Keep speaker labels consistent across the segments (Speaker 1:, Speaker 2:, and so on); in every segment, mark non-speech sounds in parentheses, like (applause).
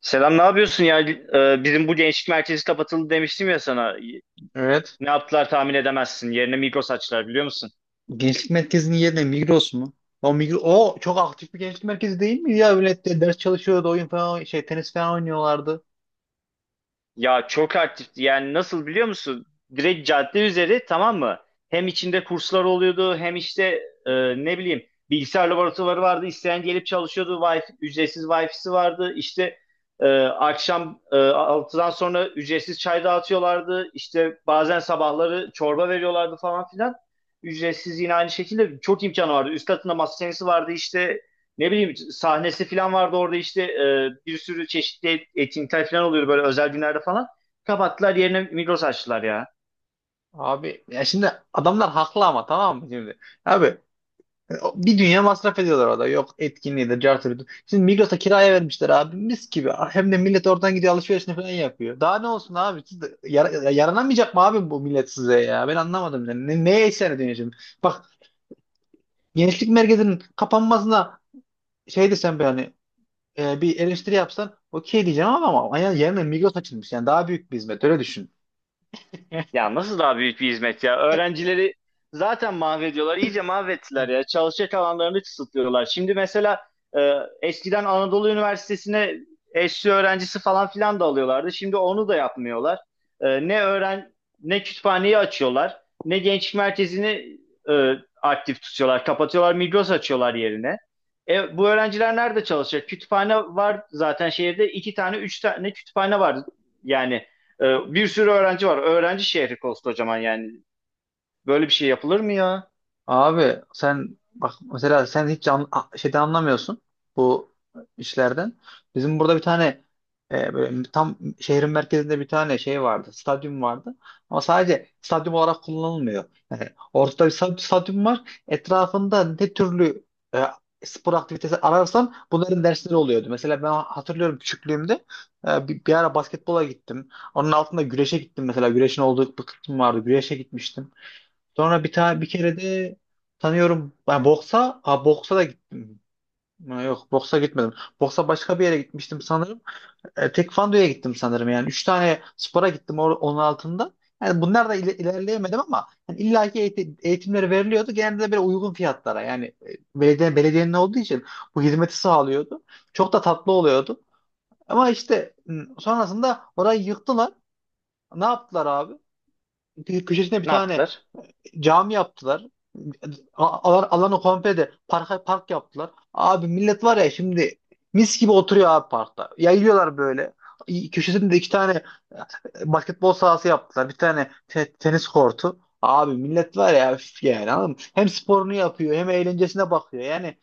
Speaker 1: Selam, ne yapıyorsun ya? Bizim bu gençlik merkezi kapatıldı demiştim ya sana.
Speaker 2: Evet.
Speaker 1: Ne yaptılar tahmin edemezsin. Yerine Migros açtılar biliyor musun?
Speaker 2: Gençlik merkezinin yerine Migros mu? O Migros, o çok aktif bir gençlik merkezi değil mi ya? Millet de ders çalışıyordu, oyun falan şey tenis falan oynuyorlardı.
Speaker 1: Ya çok aktifti. Yani nasıl biliyor musun? Direkt cadde üzeri tamam mı? Hem içinde kurslar oluyordu hem işte e, ne bileyim bilgisayar laboratuvarı vardı. İsteyen gelip çalışıyordu. Wi-Fi, ücretsiz Wi-Fi'si vardı. İşte akşam 6'dan sonra ücretsiz çay dağıtıyorlardı. İşte bazen sabahları çorba veriyorlardı falan filan. Ücretsiz yine aynı şekilde çok imkanı vardı. Üst katında masa tenisi vardı işte ne bileyim sahnesi falan vardı orada işte bir sürü çeşitli etkinlikler falan oluyordu böyle özel günlerde falan. Kapattılar yerine Migros açtılar ya.
Speaker 2: Abi, ya şimdi adamlar haklı ama tamam mı şimdi? Abi, bir dünya masraf ediyorlar orada. Yok, etkinliği de cartı da. Şimdi Migros'a kiraya vermişler abi, mis gibi. Hem de millet oradan gidiyor alışverişini falan yapıyor. Daha ne olsun abi? Siz de yaranamayacak mı abi bu millet size ya? Ben anlamadım. Yani. Neye isyan ediyorsun şimdi? Bak, gençlik merkezinin kapanmasına şey desem ben, hani bir eleştiri yapsan okey diyeceğim, ama yani yerine Migros açılmış. Yani daha büyük bir hizmet, öyle düşün. (laughs)
Speaker 1: Ya nasıl daha büyük bir hizmet ya? Öğrencileri zaten mahvediyorlar. İyice mahvettiler ya. Çalışacak alanlarını kısıtlıyorlar. Şimdi mesela e, eskiden Anadolu Üniversitesi'ne eşli öğrencisi falan filan da alıyorlardı. Şimdi onu da yapmıyorlar. E, ne kütüphaneyi açıyorlar, ne gençlik merkezini e, aktif tutuyorlar. Kapatıyorlar, Migros açıyorlar yerine. E, bu öğrenciler nerede çalışacak? Kütüphane var zaten şehirde. İki tane, üç tane kütüphane var. Yani bir sürü öğrenci var. Öğrenci şehri koskocaman yani. Böyle bir şey yapılır mı ya?
Speaker 2: Abi, sen bak mesela, sen hiç şeyden anlamıyorsun, bu işlerden. Bizim burada bir tane böyle tam şehrin merkezinde bir tane şey vardı, stadyum vardı. Ama sadece stadyum olarak kullanılmıyor. Yani ortada bir stadyum var. Etrafında ne türlü e, spor aktivitesi ararsan bunların dersleri oluyordu. Mesela ben hatırlıyorum, küçüklüğümde bir ara basketbola gittim. Onun altında güreşe gittim mesela. Güreşin olduğu bir kısım vardı. Güreşe gitmiştim. Sonra bir tane bir kere de tanıyorum. Ben boksa, ha, boksa da gittim. Ha, yok, boksa gitmedim. Boksa başka bir yere gitmiştim sanırım. Tekvando'ya gittim sanırım yani. Üç tane spora gittim, onun altında. Yani bunlar da ilerleyemedim ama, yani illaki eğitimleri veriliyordu. Genelde de böyle uygun fiyatlara, yani belediyenin olduğu için bu hizmeti sağlıyordu. Çok da tatlı oluyordu. Ama işte sonrasında orayı yıktılar. Ne yaptılar abi? Köşesine bir
Speaker 1: Ne
Speaker 2: tane
Speaker 1: yaptılar?
Speaker 2: cami yaptılar. Alanı komple de park yaptılar. Abi, millet var ya, şimdi mis gibi oturuyor abi parkta. Yayıyorlar böyle. Köşesinde de iki tane basketbol sahası yaptılar. Bir tane tenis kortu. Abi, millet var ya, üf, yani anladın mı? Hem sporunu yapıyor hem eğlencesine bakıyor. Yani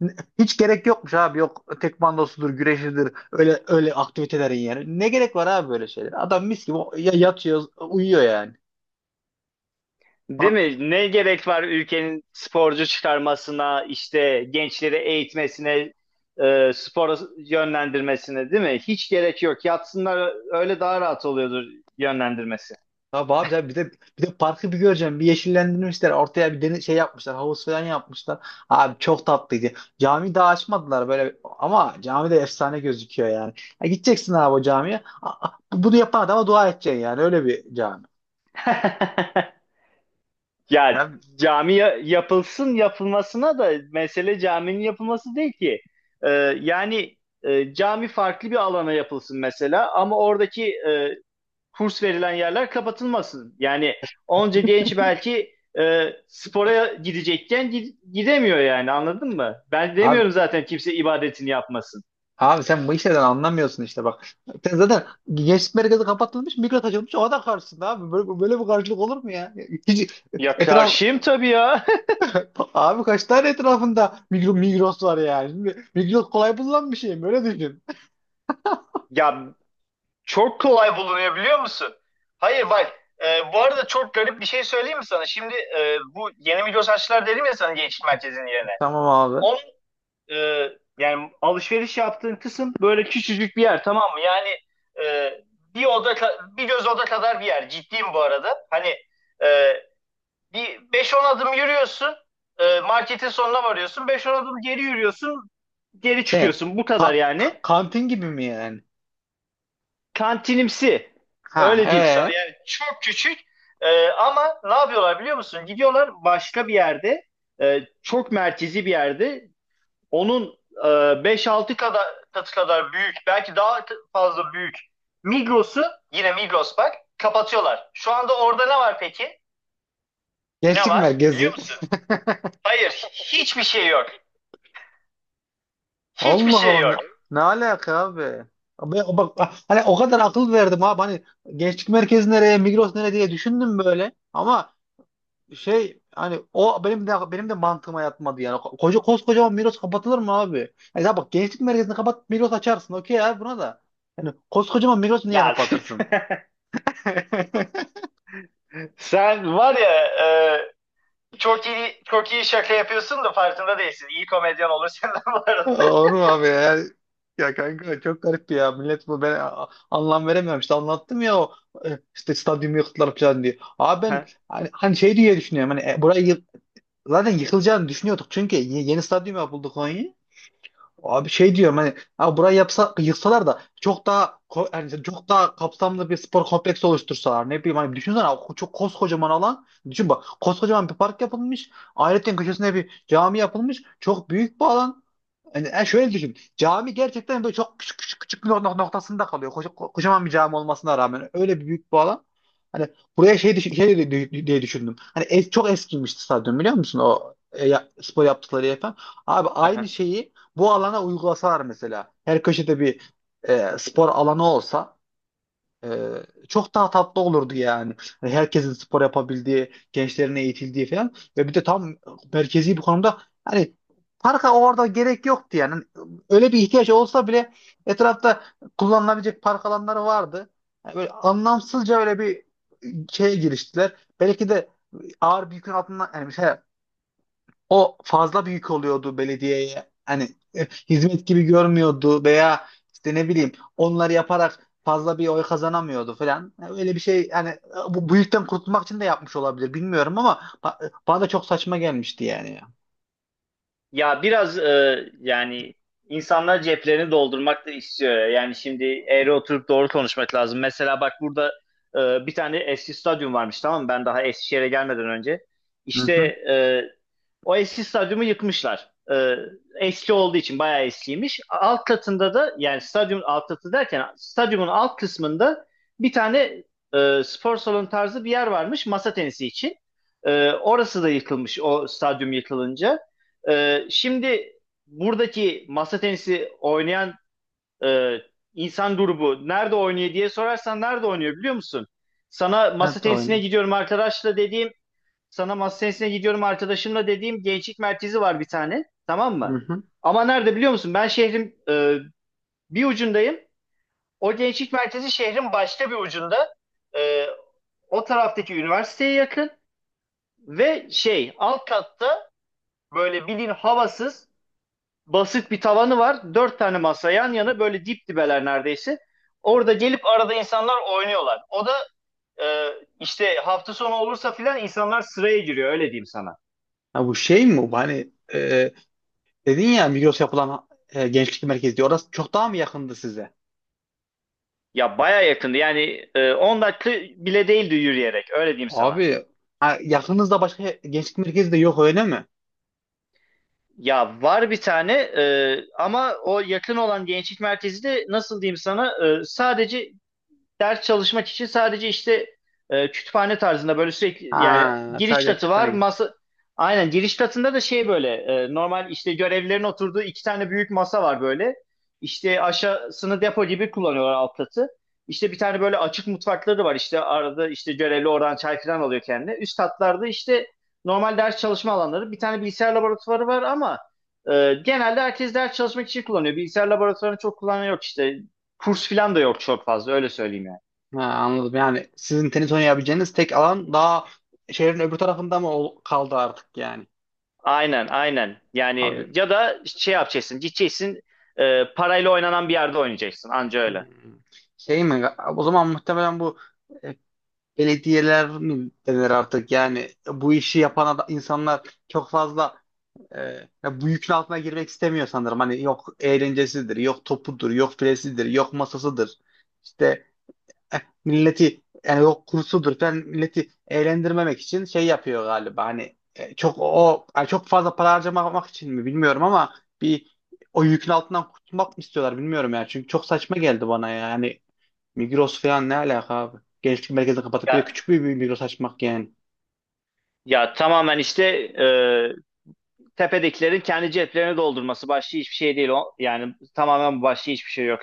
Speaker 2: hiç gerek yokmuş abi. Yok tekvandosudur, güreşidir. Öyle öyle aktivitelerin yani. Ne gerek var abi böyle şeyler? Adam mis gibi yatıyor, uyuyor yani.
Speaker 1: Değil mi? Ne gerek var ülkenin sporcu çıkarmasına, işte gençleri eğitmesine, spora yönlendirmesine, değil mi? Hiç gerek yok. Yatsınlar öyle daha rahat oluyordur yönlendirmesi.
Speaker 2: Tabii abi, tabii, bir de parkı bir göreceğim. Bir yeşillendirmişler. Ortaya bir deniz şey yapmışlar. Havuz falan yapmışlar. Abi, çok tatlıydı. Cami daha açmadılar böyle, ama cami de efsane gözüküyor yani. Ya, gideceksin abi o camiye. Bunu yapan adama dua edeceksin yani. Öyle bir cami.
Speaker 1: (laughs) Ya
Speaker 2: Ya,
Speaker 1: cami yapılsın yapılmasına da mesele caminin yapılması değil ki. Ee, Yani cami farklı bir alana yapılsın mesela ama oradaki kurs verilen yerler kapatılmasın. Yani onca genç belki spora gidecekken gidemiyor yani anladın mı? Ben
Speaker 2: abi
Speaker 1: demiyorum zaten kimse ibadetini yapmasın.
Speaker 2: abi sen bu işlerden anlamıyorsun işte, bak. Sen zaten gençlik merkezi kapatılmış, Migros açılmış. O da karşısında abi. Böyle, böyle bir karşılık olur mu ya? Hiç.
Speaker 1: Ya
Speaker 2: etraf
Speaker 1: karşıyım tabii ya. (laughs)
Speaker 2: Abi, kaç tane etrafında Migros var yani. Şimdi Migros kolay bulunan bir şey mi? Öyle düşün.
Speaker 1: Ya çok kolay bulunuyor biliyor musun? Hayır bak, bu arada çok garip bir şey söyleyeyim mi sana? Şimdi bu yeni Migros açtılar dedim ya sana gençlik merkezinin yerine.
Speaker 2: Tamam abi.
Speaker 1: Onun e, yani alışveriş yaptığın kısım böyle küçücük bir yer tamam mı? Yani e, bir oda bir göz oda kadar bir yer. Ciddiyim bu arada. Hani e, bir beş on adım yürüyorsun. Marketin sonuna varıyorsun. Beş on adım geri yürüyorsun. Geri
Speaker 2: Şey,
Speaker 1: çıkıyorsun. Bu kadar yani.
Speaker 2: kantin gibi mi yani?
Speaker 1: Kantinimsi. Öyle
Speaker 2: Ha,
Speaker 1: diyeyim sana.
Speaker 2: ee?
Speaker 1: Yani çok küçük. E, ama ne yapıyorlar biliyor musun? Gidiyorlar başka bir yerde çok merkezi bir yerde onun beş altı kadar katı kadar büyük, belki daha fazla büyük Migros'u, yine Migros bak kapatıyorlar. Şu anda orada ne var peki? Ne
Speaker 2: Gençlik
Speaker 1: var? Biliyor
Speaker 2: merkezi.
Speaker 1: musun? Hayır, hiçbir şey yok. Hiçbir
Speaker 2: Allah
Speaker 1: şey
Speaker 2: Allah, ne,
Speaker 1: yok.
Speaker 2: ne alaka abi? Abi bak, hani o kadar akıl verdim abi, hani gençlik merkezi nereye, Migros nereye diye düşündüm böyle. Ama şey, hani o benim de mantığıma yatmadı yani. Koca koskocaman Miros kapatılır mı abi? Yani, ya bak, gençlik merkezini kapat, Miros açarsın. Okey abi, buna da. Yani koskocaman Miros niye
Speaker 1: Ya
Speaker 2: kapatırsın? (laughs)
Speaker 1: (laughs) sen var ya, çok iyi çok iyi şaka yapıyorsun da farkında değilsin. İyi komedyen olur senden bu arada.
Speaker 2: Olur mu abi ya? Ya kanka, çok garip ya. Millet bu, ben anlam veremiyorum. İşte anlattım ya, o işte stadyumu yıktılar falan diye. Abi ben hani şey diye düşünüyorum. Hani burayı zaten yıkılacağını düşünüyorduk. Çünkü yeni stadyum yapıldı Konya. Abi şey diyorum, hani abi, burayı yapsa yıksalar da çok daha yani, işte çok daha kapsamlı bir spor kompleksi oluştursalar, ne bileyim, hani düşünsene abi, çok koskocaman alan, düşün bak, koskocaman bir park yapılmış, ayrıca köşesine bir cami yapılmış, çok büyük bir alan, yani, yani şöyle düşün. Cami gerçekten böyle çok küçük küçük küçük bir noktasında kalıyor. Kocaman bir cami olmasına rağmen, öyle bir büyük bir alan. Hani buraya şey, düşün, şey diye düşündüm. Hani çok eskimişti stadyum, biliyor musun? O spor yaptıkları yer falan. Abi aynı
Speaker 1: (laughs)
Speaker 2: şeyi bu alana uygulasalar mesela. Her köşede bir spor alanı olsa, ee, çok daha tatlı olurdu yani. Hani herkesin spor yapabildiği, gençlerin eğitildiği falan, ve bir de tam merkezi bir konumda, hani parka orada gerek yoktu yani. Hani öyle bir ihtiyaç olsa bile, etrafta kullanılabilecek park alanları vardı. Yani böyle anlamsızca öyle bir şeye giriştiler. Belki de ağır bir yükün altından, yani şey, o fazla büyük oluyordu belediyeye. Hani hizmet gibi görmüyordu, veya işte, ne bileyim, onları yaparak fazla bir oy kazanamıyordu falan. Yani öyle bir şey, yani bu büyükten kurtulmak için de yapmış olabilir, bilmiyorum, ama bana da çok saçma gelmişti yani ya.
Speaker 1: Ya biraz yani insanlar ceplerini doldurmak da istiyor. Yani şimdi eğri oturup doğru konuşmak lazım. Mesela bak burada bir tane eski stadyum varmış tamam mı? Ben daha Eskişehir'e gelmeden önce.
Speaker 2: Hı
Speaker 1: İşte
Speaker 2: hı.
Speaker 1: e, o eski stadyumu yıkmışlar. E, eski olduğu için bayağı eskiymiş. Alt katında da yani stadyumun alt katı derken stadyumun alt kısmında bir tane spor salonu tarzı bir yer varmış masa tenisi için. E, orası da yıkılmış o stadyum yıkılınca. Şimdi buradaki masa tenisi oynayan e, insan grubu nerede oynuyor diye sorarsan nerede oynuyor biliyor musun? Sana masa
Speaker 2: Evet,
Speaker 1: tenisine
Speaker 2: oyunu.
Speaker 1: gidiyorum arkadaşla dediğim, sana masa tenisine gidiyorum arkadaşımla dediğim gençlik merkezi var bir tane, tamam
Speaker 2: Hı
Speaker 1: mı?
Speaker 2: hı.
Speaker 1: Ama nerede biliyor musun? Ben şehrin bir ucundayım. O gençlik merkezi şehrin başka bir ucunda. E, o taraftaki üniversiteye yakın ve şey alt katta böyle bilin havasız basit bir tavanı var. Dört tane masa yan yana böyle dip dibeler neredeyse. Orada gelip arada insanlar oynuyorlar. O da e, işte hafta sonu olursa filan insanlar sıraya giriyor öyle diyeyim sana.
Speaker 2: Ha, bu şey mi bu? Hani dedin ya Migros yapılan gençlik merkezi diye. Orası çok daha mı yakındı size?
Speaker 1: Ya baya yakındı yani, 10 dakika bile değildi yürüyerek öyle diyeyim sana.
Speaker 2: Abi, ha, yakınızda başka gençlik merkezi de yok öyle mi?
Speaker 1: Ya var bir tane ama o yakın olan gençlik merkezi de nasıl diyeyim sana, sadece ders çalışmak için sadece işte kütüphane tarzında böyle sürekli yani
Speaker 2: Ha,
Speaker 1: giriş
Speaker 2: sadece
Speaker 1: katı var.
Speaker 2: kütüphane.
Speaker 1: Masa aynen giriş katında da şey böyle normal işte görevlilerin oturduğu iki tane büyük masa var böyle. İşte aşağısını depo gibi kullanıyorlar alt katı. İşte bir tane böyle açık mutfakları var işte arada işte görevli oradan çay falan alıyor kendine. Üst katlarda işte normal ders çalışma alanları. Bir tane bilgisayar laboratuvarı var ama genelde herkes ders çalışmak için kullanıyor. Bilgisayar laboratuvarını çok kullanan yok işte. Kurs falan da yok çok fazla öyle söyleyeyim yani.
Speaker 2: Ha, anladım. Yani sizin tenis oynayabileceğiniz tek alan daha şehrin öbür tarafında mı kaldı artık yani?
Speaker 1: Aynen, aynen. Yani
Speaker 2: Abi.
Speaker 1: ya da şey yapacaksın, gideceksin parayla oynanan bir yerde oynayacaksın. Anca öyle.
Speaker 2: Hmm. Şey mi? O zaman muhtemelen bu e, belediyeler mi denir artık? Yani bu işi yapan insanlar çok fazla e, ya bu yükün altına girmek istemiyor sanırım. Hani yok eğlencesidir, yok topudur, yok filesidir, yok masasıdır. İşte milleti, yani yok kursudur falan, milleti eğlendirmemek için şey yapıyor galiba, hani çok o, yani çok fazla para harcamak için mi bilmiyorum, ama bir, o yükün altından kurtulmak mı istiyorlar bilmiyorum yani, çünkü çok saçma geldi bana yani. Migros falan ne alaka abi, gençlik merkezini kapatıp bir de
Speaker 1: Ya,
Speaker 2: küçük bir Migros açmak yani.
Speaker 1: ya tamamen işte e, tepedekilerin kendi ceplerini doldurması başka hiçbir şey değil. O, yani tamamen başka hiçbir şey yok.